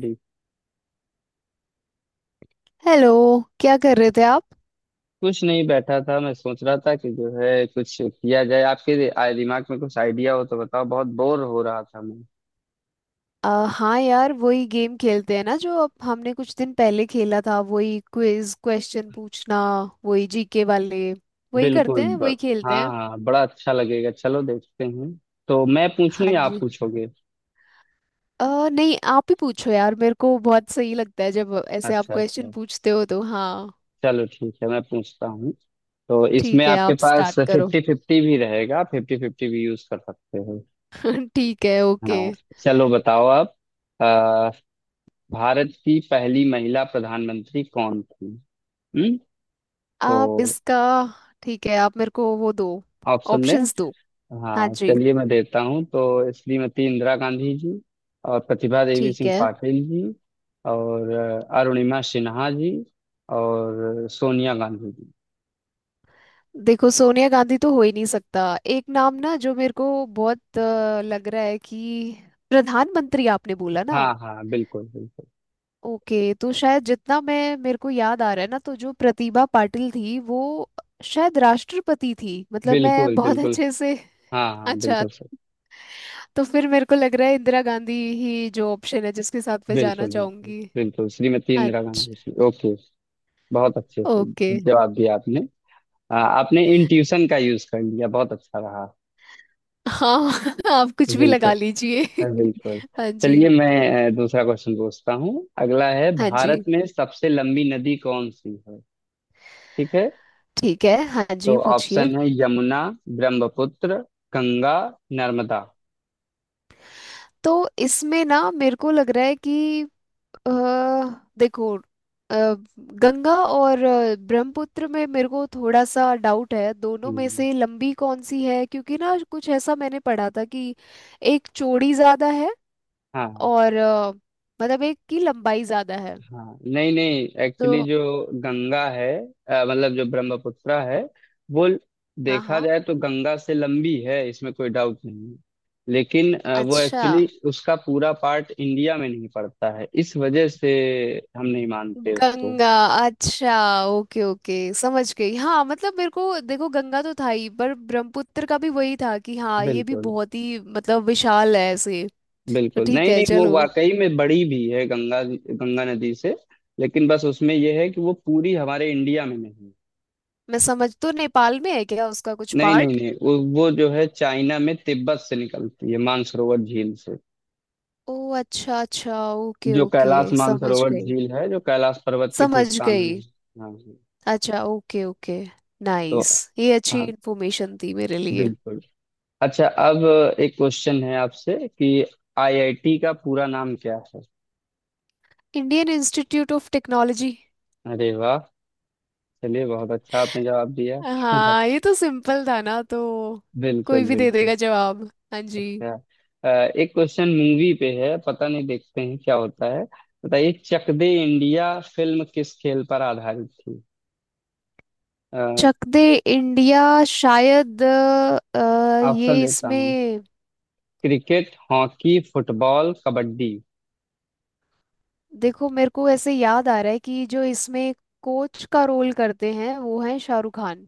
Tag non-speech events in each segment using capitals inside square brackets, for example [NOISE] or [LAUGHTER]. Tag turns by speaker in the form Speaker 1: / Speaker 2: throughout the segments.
Speaker 1: जी।
Speaker 2: Hello. क्या कर रहे थे आप।
Speaker 1: कुछ नहीं, बैठा था। मैं सोच रहा था कि जो है कुछ किया जाए। आपके दिमाग में कुछ आइडिया हो तो बताओ, बहुत बोर हो रहा था मैं।
Speaker 2: अ, हाँ यार, वही गेम खेलते हैं ना जो अब हमने कुछ दिन पहले खेला था। वही क्विज क्वेश्चन पूछना। वही जीके वाले। वही करते
Speaker 1: बिल्कुल
Speaker 2: हैं, वही खेलते
Speaker 1: हाँ
Speaker 2: हैं।
Speaker 1: हाँ, बड़ा अच्छा लगेगा, चलो देखते हैं। तो मैं पूछूं
Speaker 2: हाँ
Speaker 1: या आप
Speaker 2: जी।
Speaker 1: पूछोगे?
Speaker 2: नहीं आप ही पूछो यार, मेरे को बहुत सही लगता है जब ऐसे आप
Speaker 1: अच्छा
Speaker 2: क्वेश्चन
Speaker 1: अच्छा,
Speaker 2: पूछते हो तो। हाँ,
Speaker 1: चलो ठीक है, मैं पूछता हूँ। तो इसमें
Speaker 2: ठीक है,
Speaker 1: आपके
Speaker 2: आप
Speaker 1: पास
Speaker 2: स्टार्ट करो।
Speaker 1: फिफ्टी फिफ्टी भी रहेगा, फिफ्टी फिफ्टी भी यूज कर सकते हो।
Speaker 2: [LAUGHS] ठीक है, ओके।
Speaker 1: हाँ, चलो बताओ आप। आ, भारत की पहली महिला प्रधानमंत्री कौन थी? हम्म तो
Speaker 2: आप इसका ठीक है, आप मेरे को वो दो
Speaker 1: ऑप्शन दें?
Speaker 2: ऑप्शंस दो। हाँ
Speaker 1: हाँ
Speaker 2: जी।
Speaker 1: चलिए, मैं देता हूँ। तो श्रीमती इंदिरा गांधी जी और प्रतिभा देवी
Speaker 2: ठीक
Speaker 1: सिंह
Speaker 2: है।
Speaker 1: पाटिल जी और अरुणिमा सिन्हा जी और सोनिया गांधी जी।
Speaker 2: देखो, सोनिया गांधी तो हो ही नहीं सकता। एक नाम ना जो मेरे को बहुत लग रहा है कि प्रधानमंत्री आपने बोला ना।
Speaker 1: हाँ हाँ, बिल्कुल बिल्कुल।
Speaker 2: ओके, तो शायद जितना मैं मेरे को याद आ रहा है ना, तो जो प्रतिभा पाटिल थी वो शायद राष्ट्रपति थी, मतलब मैं
Speaker 1: बिल्कुल
Speaker 2: बहुत [LAUGHS]
Speaker 1: बिल्कुल।
Speaker 2: अच्छे से।
Speaker 1: हाँ हाँ,
Speaker 2: अच्छा।
Speaker 1: बिल्कुल सर।
Speaker 2: तो फिर मेरे को लग रहा है इंदिरा गांधी ही जो ऑप्शन है जिसके साथ मैं जाना
Speaker 1: बिल्कुल बिल्कुल
Speaker 2: चाहूंगी।
Speaker 1: बिल्कुल, श्रीमती इंदिरा
Speaker 2: अच्छा,
Speaker 1: गांधी जी, ओके। बहुत अच्छे से
Speaker 2: ओके।
Speaker 1: जवाब दिया आपने। आपने इंट्यूशन का यूज कर लिया, बहुत अच्छा रहा।
Speaker 2: हाँ [LAUGHS] आप कुछ भी
Speaker 1: बिल्कुल।
Speaker 2: लगा लीजिए
Speaker 1: हाँ, बिल्कुल।
Speaker 2: [LAUGHS] हाँ जी।
Speaker 1: चलिए मैं दूसरा क्वेश्चन पूछता हूँ। अगला है,
Speaker 2: हाँ
Speaker 1: भारत
Speaker 2: जी,
Speaker 1: में सबसे लंबी नदी कौन सी है? ठीक है,
Speaker 2: ठीक है। हाँ
Speaker 1: तो
Speaker 2: जी, पूछिए।
Speaker 1: ऑप्शन है यमुना, ब्रह्मपुत्र, गंगा, नर्मदा।
Speaker 2: तो इसमें ना मेरे को लग रहा है कि अ, देखो, अ, गंगा और ब्रह्मपुत्र में मेरे को थोड़ा सा डाउट है दोनों में
Speaker 1: हम्म,
Speaker 2: से लंबी कौन सी है, क्योंकि ना कुछ ऐसा मैंने पढ़ा था कि एक चौड़ी ज्यादा है
Speaker 1: हाँ
Speaker 2: और मतलब एक की लंबाई ज्यादा है
Speaker 1: हाँ। नहीं नहीं,
Speaker 2: तो।
Speaker 1: एक्चुअली जो गंगा है मतलब जो ब्रह्मपुत्र है, वो
Speaker 2: हाँ
Speaker 1: देखा
Speaker 2: हाँ।
Speaker 1: जाए तो गंगा से लंबी है, इसमें कोई डाउट नहीं है। लेकिन वो
Speaker 2: अच्छा।
Speaker 1: एक्चुअली उसका पूरा पार्ट इंडिया में नहीं पड़ता है, इस वजह से हम नहीं मानते उसको।
Speaker 2: गंगा। अच्छा, ओके ओके, समझ गई। हाँ मतलब मेरे को देखो गंगा तो था ही, पर ब्रह्मपुत्र का भी वही था कि हाँ ये भी
Speaker 1: बिल्कुल
Speaker 2: बहुत ही मतलब विशाल है ऐसे। तो
Speaker 1: बिल्कुल।
Speaker 2: ठीक
Speaker 1: नहीं
Speaker 2: है
Speaker 1: नहीं, वो
Speaker 2: चलो।
Speaker 1: वाकई में बड़ी भी है गंगा गंगा नदी से। लेकिन बस उसमें यह है कि वो पूरी हमारे इंडिया में नहीं है।
Speaker 2: मैं समझ, तो नेपाल में है क्या उसका कुछ
Speaker 1: नहीं नहीं
Speaker 2: पार्ट।
Speaker 1: नहीं, वो जो है चाइना में तिब्बत से निकलती है, मानसरोवर झील से।
Speaker 2: ओ अच्छा अच्छा, ओके
Speaker 1: जो
Speaker 2: ओके,
Speaker 1: कैलाश
Speaker 2: समझ
Speaker 1: मानसरोवर
Speaker 2: गई।
Speaker 1: झील है, जो कैलाश पर्वत के ठीक
Speaker 2: समझ
Speaker 1: सामने
Speaker 2: गई।
Speaker 1: है। हाँ जी।
Speaker 2: अच्छा, ओके ओके।
Speaker 1: तो
Speaker 2: नाइस। ये अच्छी
Speaker 1: हाँ,
Speaker 2: इन्फॉर्मेशन थी मेरे लिए।
Speaker 1: बिल्कुल। अच्छा, अब एक क्वेश्चन है आपसे कि आईआईटी का पूरा नाम क्या है?
Speaker 2: Indian Institute of Technology.
Speaker 1: अरे वाह! चलिए, बहुत अच्छा आपने जवाब दिया।
Speaker 2: हाँ ये तो सिंपल था ना तो, कोई
Speaker 1: बिल्कुल
Speaker 2: भी दे
Speaker 1: बिल्कुल।
Speaker 2: देगा जवाब। हाँ जी।
Speaker 1: अच्छा। अ, एक क्वेश्चन मूवी पे है, पता नहीं देखते हैं क्या होता है। बताइए, चक दे इंडिया फिल्म किस खेल पर आधारित थी? अ,
Speaker 2: चक दे इंडिया। शायद ये
Speaker 1: ऑप्शन देता हूँ।
Speaker 2: इसमें,
Speaker 1: क्रिकेट, हॉकी, फुटबॉल, कबड्डी।
Speaker 2: देखो मेरे को ऐसे याद आ रहा है कि जो इसमें कोच का रोल करते हैं वो है शाहरुख खान।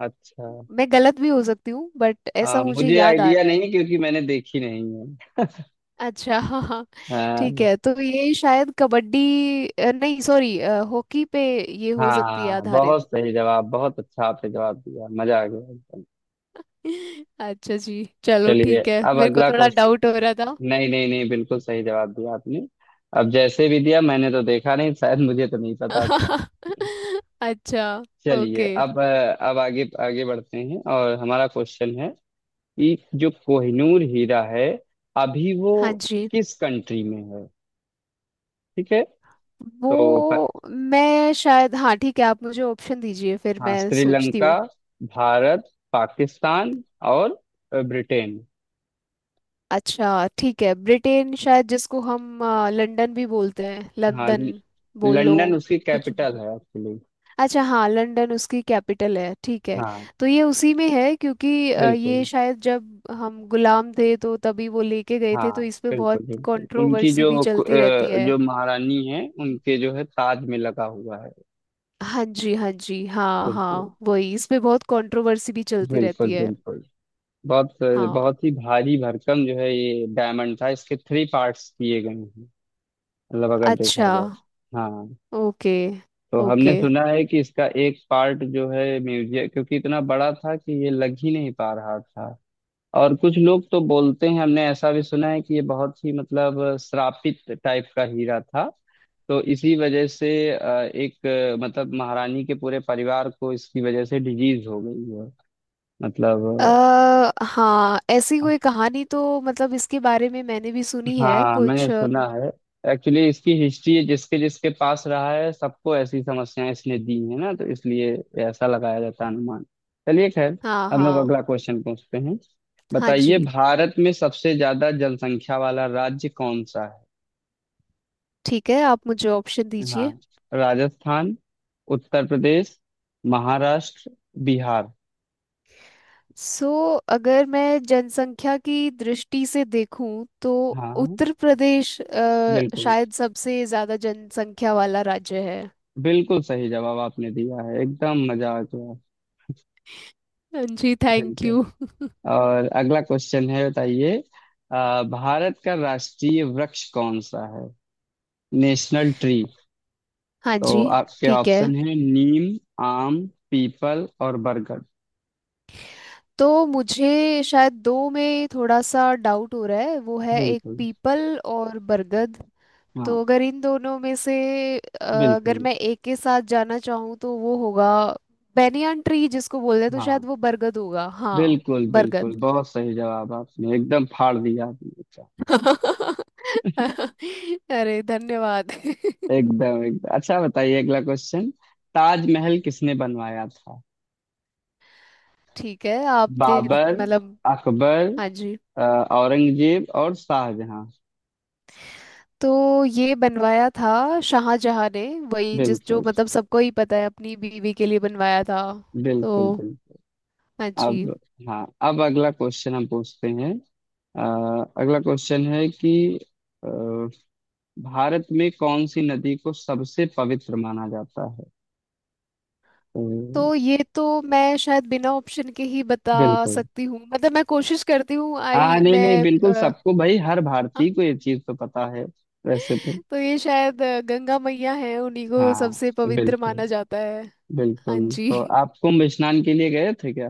Speaker 1: अच्छा,
Speaker 2: मैं गलत भी हो सकती हूँ, बट ऐसा मुझे
Speaker 1: मुझे
Speaker 2: याद आ
Speaker 1: आइडिया
Speaker 2: रहा है।
Speaker 1: नहीं क्योंकि मैंने देखी नहीं है।
Speaker 2: अच्छा हाँ हाँ।
Speaker 1: अ,
Speaker 2: ठीक है, तो ये शायद कबड्डी नहीं सॉरी, हॉकी पे ये हो सकती है
Speaker 1: हाँ,
Speaker 2: आधारित।
Speaker 1: बहुत सही जवाब, बहुत अच्छा आपने जवाब दिया, मजा आ गया एकदम।
Speaker 2: [LAUGHS] अच्छा जी, चलो
Speaker 1: चलिए
Speaker 2: ठीक है,
Speaker 1: अब
Speaker 2: मेरे को
Speaker 1: अगला
Speaker 2: थोड़ा
Speaker 1: क्वेश्चन।
Speaker 2: डाउट हो रहा था।
Speaker 1: नहीं नहीं नहीं, बिल्कुल सही जवाब दिया आपने। अब जैसे भी दिया, मैंने तो देखा नहीं, शायद मुझे तो नहीं पता था।
Speaker 2: [LAUGHS] अच्छा,
Speaker 1: चलिए
Speaker 2: ओके।
Speaker 1: अब अब आगे आगे बढ़ते हैं, और हमारा क्वेश्चन है कि जो कोहिनूर हीरा है अभी वो
Speaker 2: हाँ जी।
Speaker 1: किस कंट्री में है? ठीक है,
Speaker 2: वो,
Speaker 1: तो
Speaker 2: मैं शायद, हाँ ठीक है, आप मुझे ऑप्शन दीजिए फिर
Speaker 1: हाँ,
Speaker 2: मैं सोचती
Speaker 1: श्रीलंका,
Speaker 2: हूँ।
Speaker 1: भारत, पाकिस्तान और ब्रिटेन।
Speaker 2: अच्छा ठीक है, ब्रिटेन शायद, जिसको हम लंदन भी बोलते हैं,
Speaker 1: हाँ,
Speaker 2: लंदन। बोल लो
Speaker 1: लंदन उसकी
Speaker 2: कुछ
Speaker 1: कैपिटल
Speaker 2: भी।
Speaker 1: है एक्चुअली।
Speaker 2: अच्छा हाँ, लंदन उसकी कैपिटल है, ठीक है।
Speaker 1: हाँ,
Speaker 2: तो ये उसी में है क्योंकि ये
Speaker 1: बिल्कुल।
Speaker 2: शायद जब हम गुलाम थे तो तभी वो लेके गए थे, तो
Speaker 1: हाँ,
Speaker 2: इस पे बहुत
Speaker 1: बिल्कुल बिल्कुल, उनकी
Speaker 2: कंट्रोवर्सी भी
Speaker 1: जो
Speaker 2: चलती रहती है।
Speaker 1: जो महारानी है उनके जो है ताज में लगा हुआ है।
Speaker 2: हाँ जी हाँ जी हाँ
Speaker 1: बिल्कुल
Speaker 2: हाँ, वही इसमें बहुत कंट्रोवर्सी भी चलती
Speaker 1: बिल्कुल
Speaker 2: रहती है।
Speaker 1: बिल्कुल। बहुत
Speaker 2: हाँ।
Speaker 1: बहुत ही भारी भरकम जो है ये डायमंड था, इसके थ्री पार्ट्स किए गए हैं, मतलब अगर देखा
Speaker 2: अच्छा,
Speaker 1: जाए तो। हाँ,
Speaker 2: ओके
Speaker 1: तो हमने
Speaker 2: ओके।
Speaker 1: सुना है कि इसका एक पार्ट जो है म्यूजियम, क्योंकि इतना बड़ा था कि ये लग ही नहीं पा रहा था। और कुछ लोग तो बोलते हैं, हमने ऐसा भी सुना है कि ये बहुत ही मतलब श्रापित टाइप का हीरा था, तो इसी वजह से एक मतलब महारानी के पूरे परिवार को इसकी वजह से डिजीज हो गई है, मतलब।
Speaker 2: अ हाँ, ऐसी कोई कहानी तो मतलब इसके बारे में मैंने भी सुनी है
Speaker 1: हाँ मैंने
Speaker 2: कुछ
Speaker 1: सुना है, एक्चुअली इसकी हिस्ट्री, जिसके जिसके पास रहा है सबको ऐसी समस्याएं इसने दी है ना, तो इसलिए ऐसा लगाया जाता है अनुमान। चलिए खैर,
Speaker 2: हाँ
Speaker 1: हम लोग
Speaker 2: हाँ।
Speaker 1: अगला क्वेश्चन पूछते हैं।
Speaker 2: हाँ
Speaker 1: बताइए,
Speaker 2: जी।
Speaker 1: भारत में सबसे ज्यादा जनसंख्या वाला राज्य कौन सा है?
Speaker 2: ठीक है, आप मुझे ऑप्शन
Speaker 1: हाँ,
Speaker 2: दीजिए।
Speaker 1: राजस्थान, उत्तर प्रदेश, महाराष्ट्र, बिहार।
Speaker 2: सो अगर मैं जनसंख्या की दृष्टि से देखूं तो
Speaker 1: हाँ,
Speaker 2: उत्तर प्रदेश
Speaker 1: बिल्कुल
Speaker 2: शायद सबसे ज्यादा जनसंख्या वाला राज्य है।
Speaker 1: बिल्कुल सही जवाब आपने दिया है, एकदम मजा आ गया।
Speaker 2: हाँ जी, थैंक
Speaker 1: बिल्कुल।
Speaker 2: यू।
Speaker 1: और अगला क्वेश्चन है, बताइए भारत का राष्ट्रीय वृक्ष कौन सा है, नेशनल ट्री?
Speaker 2: हाँ जी।
Speaker 1: तो आपके
Speaker 2: ठीक है,
Speaker 1: ऑप्शन है नीम, आम, पीपल और बरगद।
Speaker 2: तो मुझे शायद दो में थोड़ा सा डाउट हो रहा है, वो है एक
Speaker 1: बिल्कुल।
Speaker 2: पीपल और बरगद।
Speaker 1: हाँ।
Speaker 2: तो अगर इन दोनों में से अ, अगर
Speaker 1: बिल्कुल।
Speaker 2: मैं एक के साथ जाना चाहूँ तो वो होगा बेनियन ट्री जिसको बोलते हैं, तो शायद
Speaker 1: हाँ,
Speaker 2: वो बरगद होगा। हाँ।
Speaker 1: बिल्कुल
Speaker 2: बरगद।
Speaker 1: बिल्कुल, बहुत सही जवाब आपने, एकदम फाड़ दिया आपने। अच्छा,
Speaker 2: [LAUGHS] अरे धन्यवाद [LAUGHS]
Speaker 1: एकदम एकदम अच्छा। बताइए अगला क्वेश्चन, ताजमहल किसने बनवाया था?
Speaker 2: ठीक है, आप दे,
Speaker 1: बाबर,
Speaker 2: मतलब।
Speaker 1: अकबर,
Speaker 2: हाँ जी।
Speaker 1: अ, औरंगजेब और शाहजहां।
Speaker 2: तो ये बनवाया था शाहजहां ने। वही जिस जो,
Speaker 1: बिल्कुल
Speaker 2: मतलब सबको ही पता है, अपनी बीवी के लिए बनवाया था तो।
Speaker 1: बिल्कुल बिल्कुल।
Speaker 2: हाँ जी।
Speaker 1: अब, हाँ, अब अगला क्वेश्चन हम पूछते हैं। अगला क्वेश्चन है कि अ, भारत में कौन सी नदी को सबसे पवित्र माना जाता है? तो
Speaker 2: तो ये तो मैं शायद बिना ऑप्शन के ही बता
Speaker 1: बिल्कुल।
Speaker 2: सकती हूँ, मतलब मैं कोशिश करती हूँ
Speaker 1: हाँ,
Speaker 2: आई
Speaker 1: नहीं नहीं,
Speaker 2: मैं
Speaker 1: बिल्कुल सबको, भाई हर
Speaker 2: [LAUGHS]
Speaker 1: भारतीय को ये चीज तो पता है, वैसे तो।
Speaker 2: तो ये शायद गंगा मैया है, उन्हीं को
Speaker 1: हाँ,
Speaker 2: सबसे पवित्र
Speaker 1: बिल्कुल
Speaker 2: माना जाता है। हाँ
Speaker 1: बिल्कुल।
Speaker 2: जी।
Speaker 1: तो आप कुंभ स्नान के लिए गए थे क्या?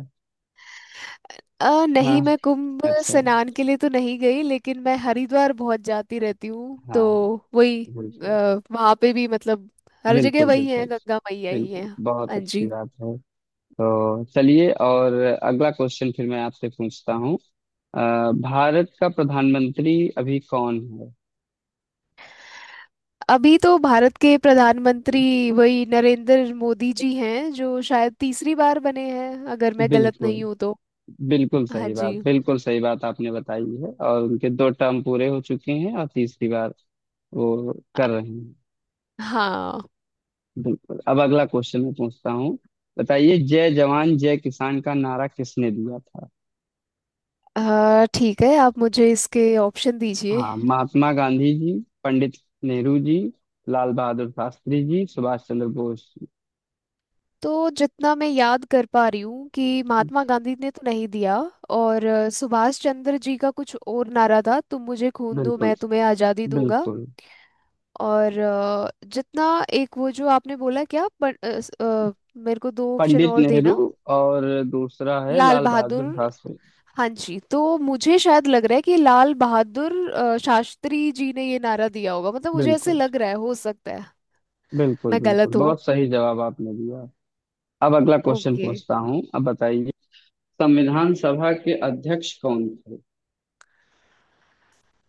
Speaker 2: नहीं
Speaker 1: हाँ,
Speaker 2: मैं कुंभ
Speaker 1: अच्छा,
Speaker 2: स्नान के लिए तो नहीं गई, लेकिन मैं हरिद्वार बहुत जाती रहती हूँ, तो
Speaker 1: हाँ।
Speaker 2: वही
Speaker 1: बिल्कुल
Speaker 2: वहाँ पे भी मतलब, हर जगह
Speaker 1: बिल्कुल।
Speaker 2: वही है,
Speaker 1: बिल्कुल
Speaker 2: गंगा मैया ही
Speaker 1: बिल्कुल,
Speaker 2: है।
Speaker 1: बहुत
Speaker 2: हाँ
Speaker 1: अच्छी
Speaker 2: जी।
Speaker 1: बात है। तो चलिए, और अगला क्वेश्चन फिर मैं आपसे पूछता हूँ। अ, भारत का प्रधानमंत्री अभी कौन है?
Speaker 2: अभी तो भारत के प्रधानमंत्री वही नरेंद्र मोदी जी हैं जो शायद तीसरी बार बने हैं, अगर मैं गलत
Speaker 1: बिल्कुल।
Speaker 2: नहीं हूँ तो।
Speaker 1: बिल्कुल
Speaker 2: हाँ
Speaker 1: सही बात,
Speaker 2: जी।
Speaker 1: बिल्कुल सही बात आपने बताई है, और उनके दो टर्म पूरे हो चुके हैं, और तीसरी बार वो कर रहे हैं।
Speaker 2: हाँ।
Speaker 1: बिल्कुल, अब अगला क्वेश्चन मैं पूछता हूँ। बताइए, जय जवान जय किसान का नारा किसने दिया था?
Speaker 2: ठीक है, आप मुझे इसके ऑप्शन दीजिए।
Speaker 1: हाँ, महात्मा गांधी जी, पंडित नेहरू जी, लाल बहादुर शास्त्री जी, सुभाष चंद्र बोस जी।
Speaker 2: तो जितना मैं याद कर पा रही हूँ कि महात्मा गांधी ने तो नहीं दिया, और सुभाष चंद्र जी का कुछ और नारा था, तुम मुझे खून दो
Speaker 1: बिल्कुल
Speaker 2: मैं तुम्हें आज़ादी दूंगा।
Speaker 1: बिल्कुल।
Speaker 2: और जितना एक वो जो आपने बोला क्या पर, मेरे को दो ऑप्शन
Speaker 1: पंडित
Speaker 2: और
Speaker 1: नेहरू,
Speaker 2: देना।
Speaker 1: और दूसरा है
Speaker 2: लाल
Speaker 1: लाल
Speaker 2: बहादुर।
Speaker 1: बहादुर शास्त्री।
Speaker 2: हाँ जी, तो मुझे शायद लग रहा है कि लाल बहादुर शास्त्री जी ने ये नारा दिया होगा, मतलब मुझे ऐसे
Speaker 1: बिल्कुल
Speaker 2: लग रहा है, हो सकता है
Speaker 1: बिल्कुल
Speaker 2: मैं
Speaker 1: बिल्कुल,
Speaker 2: गलत हूँ।
Speaker 1: बहुत सही जवाब आपने दिया। अब अगला क्वेश्चन
Speaker 2: ओके।
Speaker 1: पूछता हूँ, अब बताइए, संविधान सभा के अध्यक्ष कौन थे?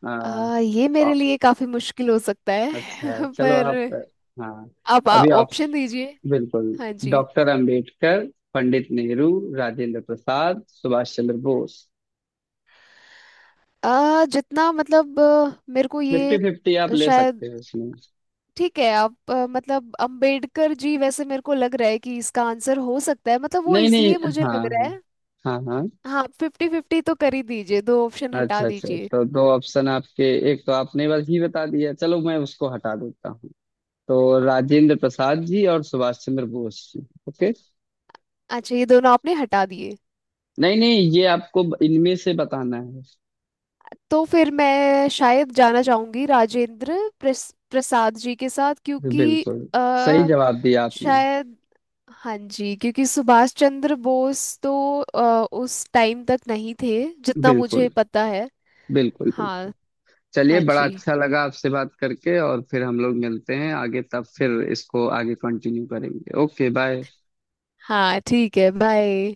Speaker 1: आ,
Speaker 2: ये
Speaker 1: आ,
Speaker 2: मेरे लिए काफी मुश्किल हो सकता
Speaker 1: अच्छा
Speaker 2: है [LAUGHS]
Speaker 1: चलो,
Speaker 2: पर
Speaker 1: आप। हाँ,
Speaker 2: आप
Speaker 1: अभी आप।
Speaker 2: ऑप्शन दीजिए।
Speaker 1: बिल्कुल।
Speaker 2: हाँ जी।
Speaker 1: डॉक्टर अंबेडकर, पंडित नेहरू, राजेंद्र प्रसाद, सुभाष चंद्र बोस।
Speaker 2: जितना मतलब, मेरे को
Speaker 1: फिफ्टी
Speaker 2: ये
Speaker 1: फिफ्टी आप ले
Speaker 2: शायद,
Speaker 1: सकते हो इसमें।
Speaker 2: ठीक है आप, मतलब अंबेडकर जी वैसे मेरे को लग रहा है कि इसका आंसर हो सकता है, मतलब वो
Speaker 1: नहीं नहीं,
Speaker 2: इसलिए मुझे
Speaker 1: हाँ
Speaker 2: लग रहा
Speaker 1: हाँ।
Speaker 2: है।
Speaker 1: हाँ हाँ।
Speaker 2: हाँ फिफ्टी फिफ्टी तो कर ही दीजिए, दो ऑप्शन हटा
Speaker 1: अच्छा अच्छा अच्छा।
Speaker 2: दीजिए।
Speaker 1: तो दो ऑप्शन आपके, एक तो आपने बस ही बता दिया, चलो मैं उसको हटा देता हूँ। तो राजेंद्र प्रसाद जी और सुभाष चंद्र बोस जी। ओके।
Speaker 2: अच्छा ये दोनों आपने हटा दिए।
Speaker 1: नहीं नहीं, ये आपको इनमें से बताना है।
Speaker 2: तो फिर मैं शायद जाना चाहूंगी राजेंद्र प्रसाद जी के साथ क्योंकि
Speaker 1: बिल्कुल सही
Speaker 2: आ,
Speaker 1: जवाब दिया आपने।
Speaker 2: शायद हाँ जी, क्योंकि सुभाष चंद्र बोस तो उस टाइम तक नहीं थे जितना मुझे
Speaker 1: बिल्कुल
Speaker 2: पता है।
Speaker 1: बिल्कुल
Speaker 2: हाँ।
Speaker 1: बिल्कुल। चलिए,
Speaker 2: हाँ
Speaker 1: बड़ा
Speaker 2: जी।
Speaker 1: अच्छा लगा आपसे बात करके, और फिर हम लोग मिलते हैं आगे, तब फिर इसको आगे कंटिन्यू करेंगे। Okay, bye.
Speaker 2: हाँ ठीक है, बाय।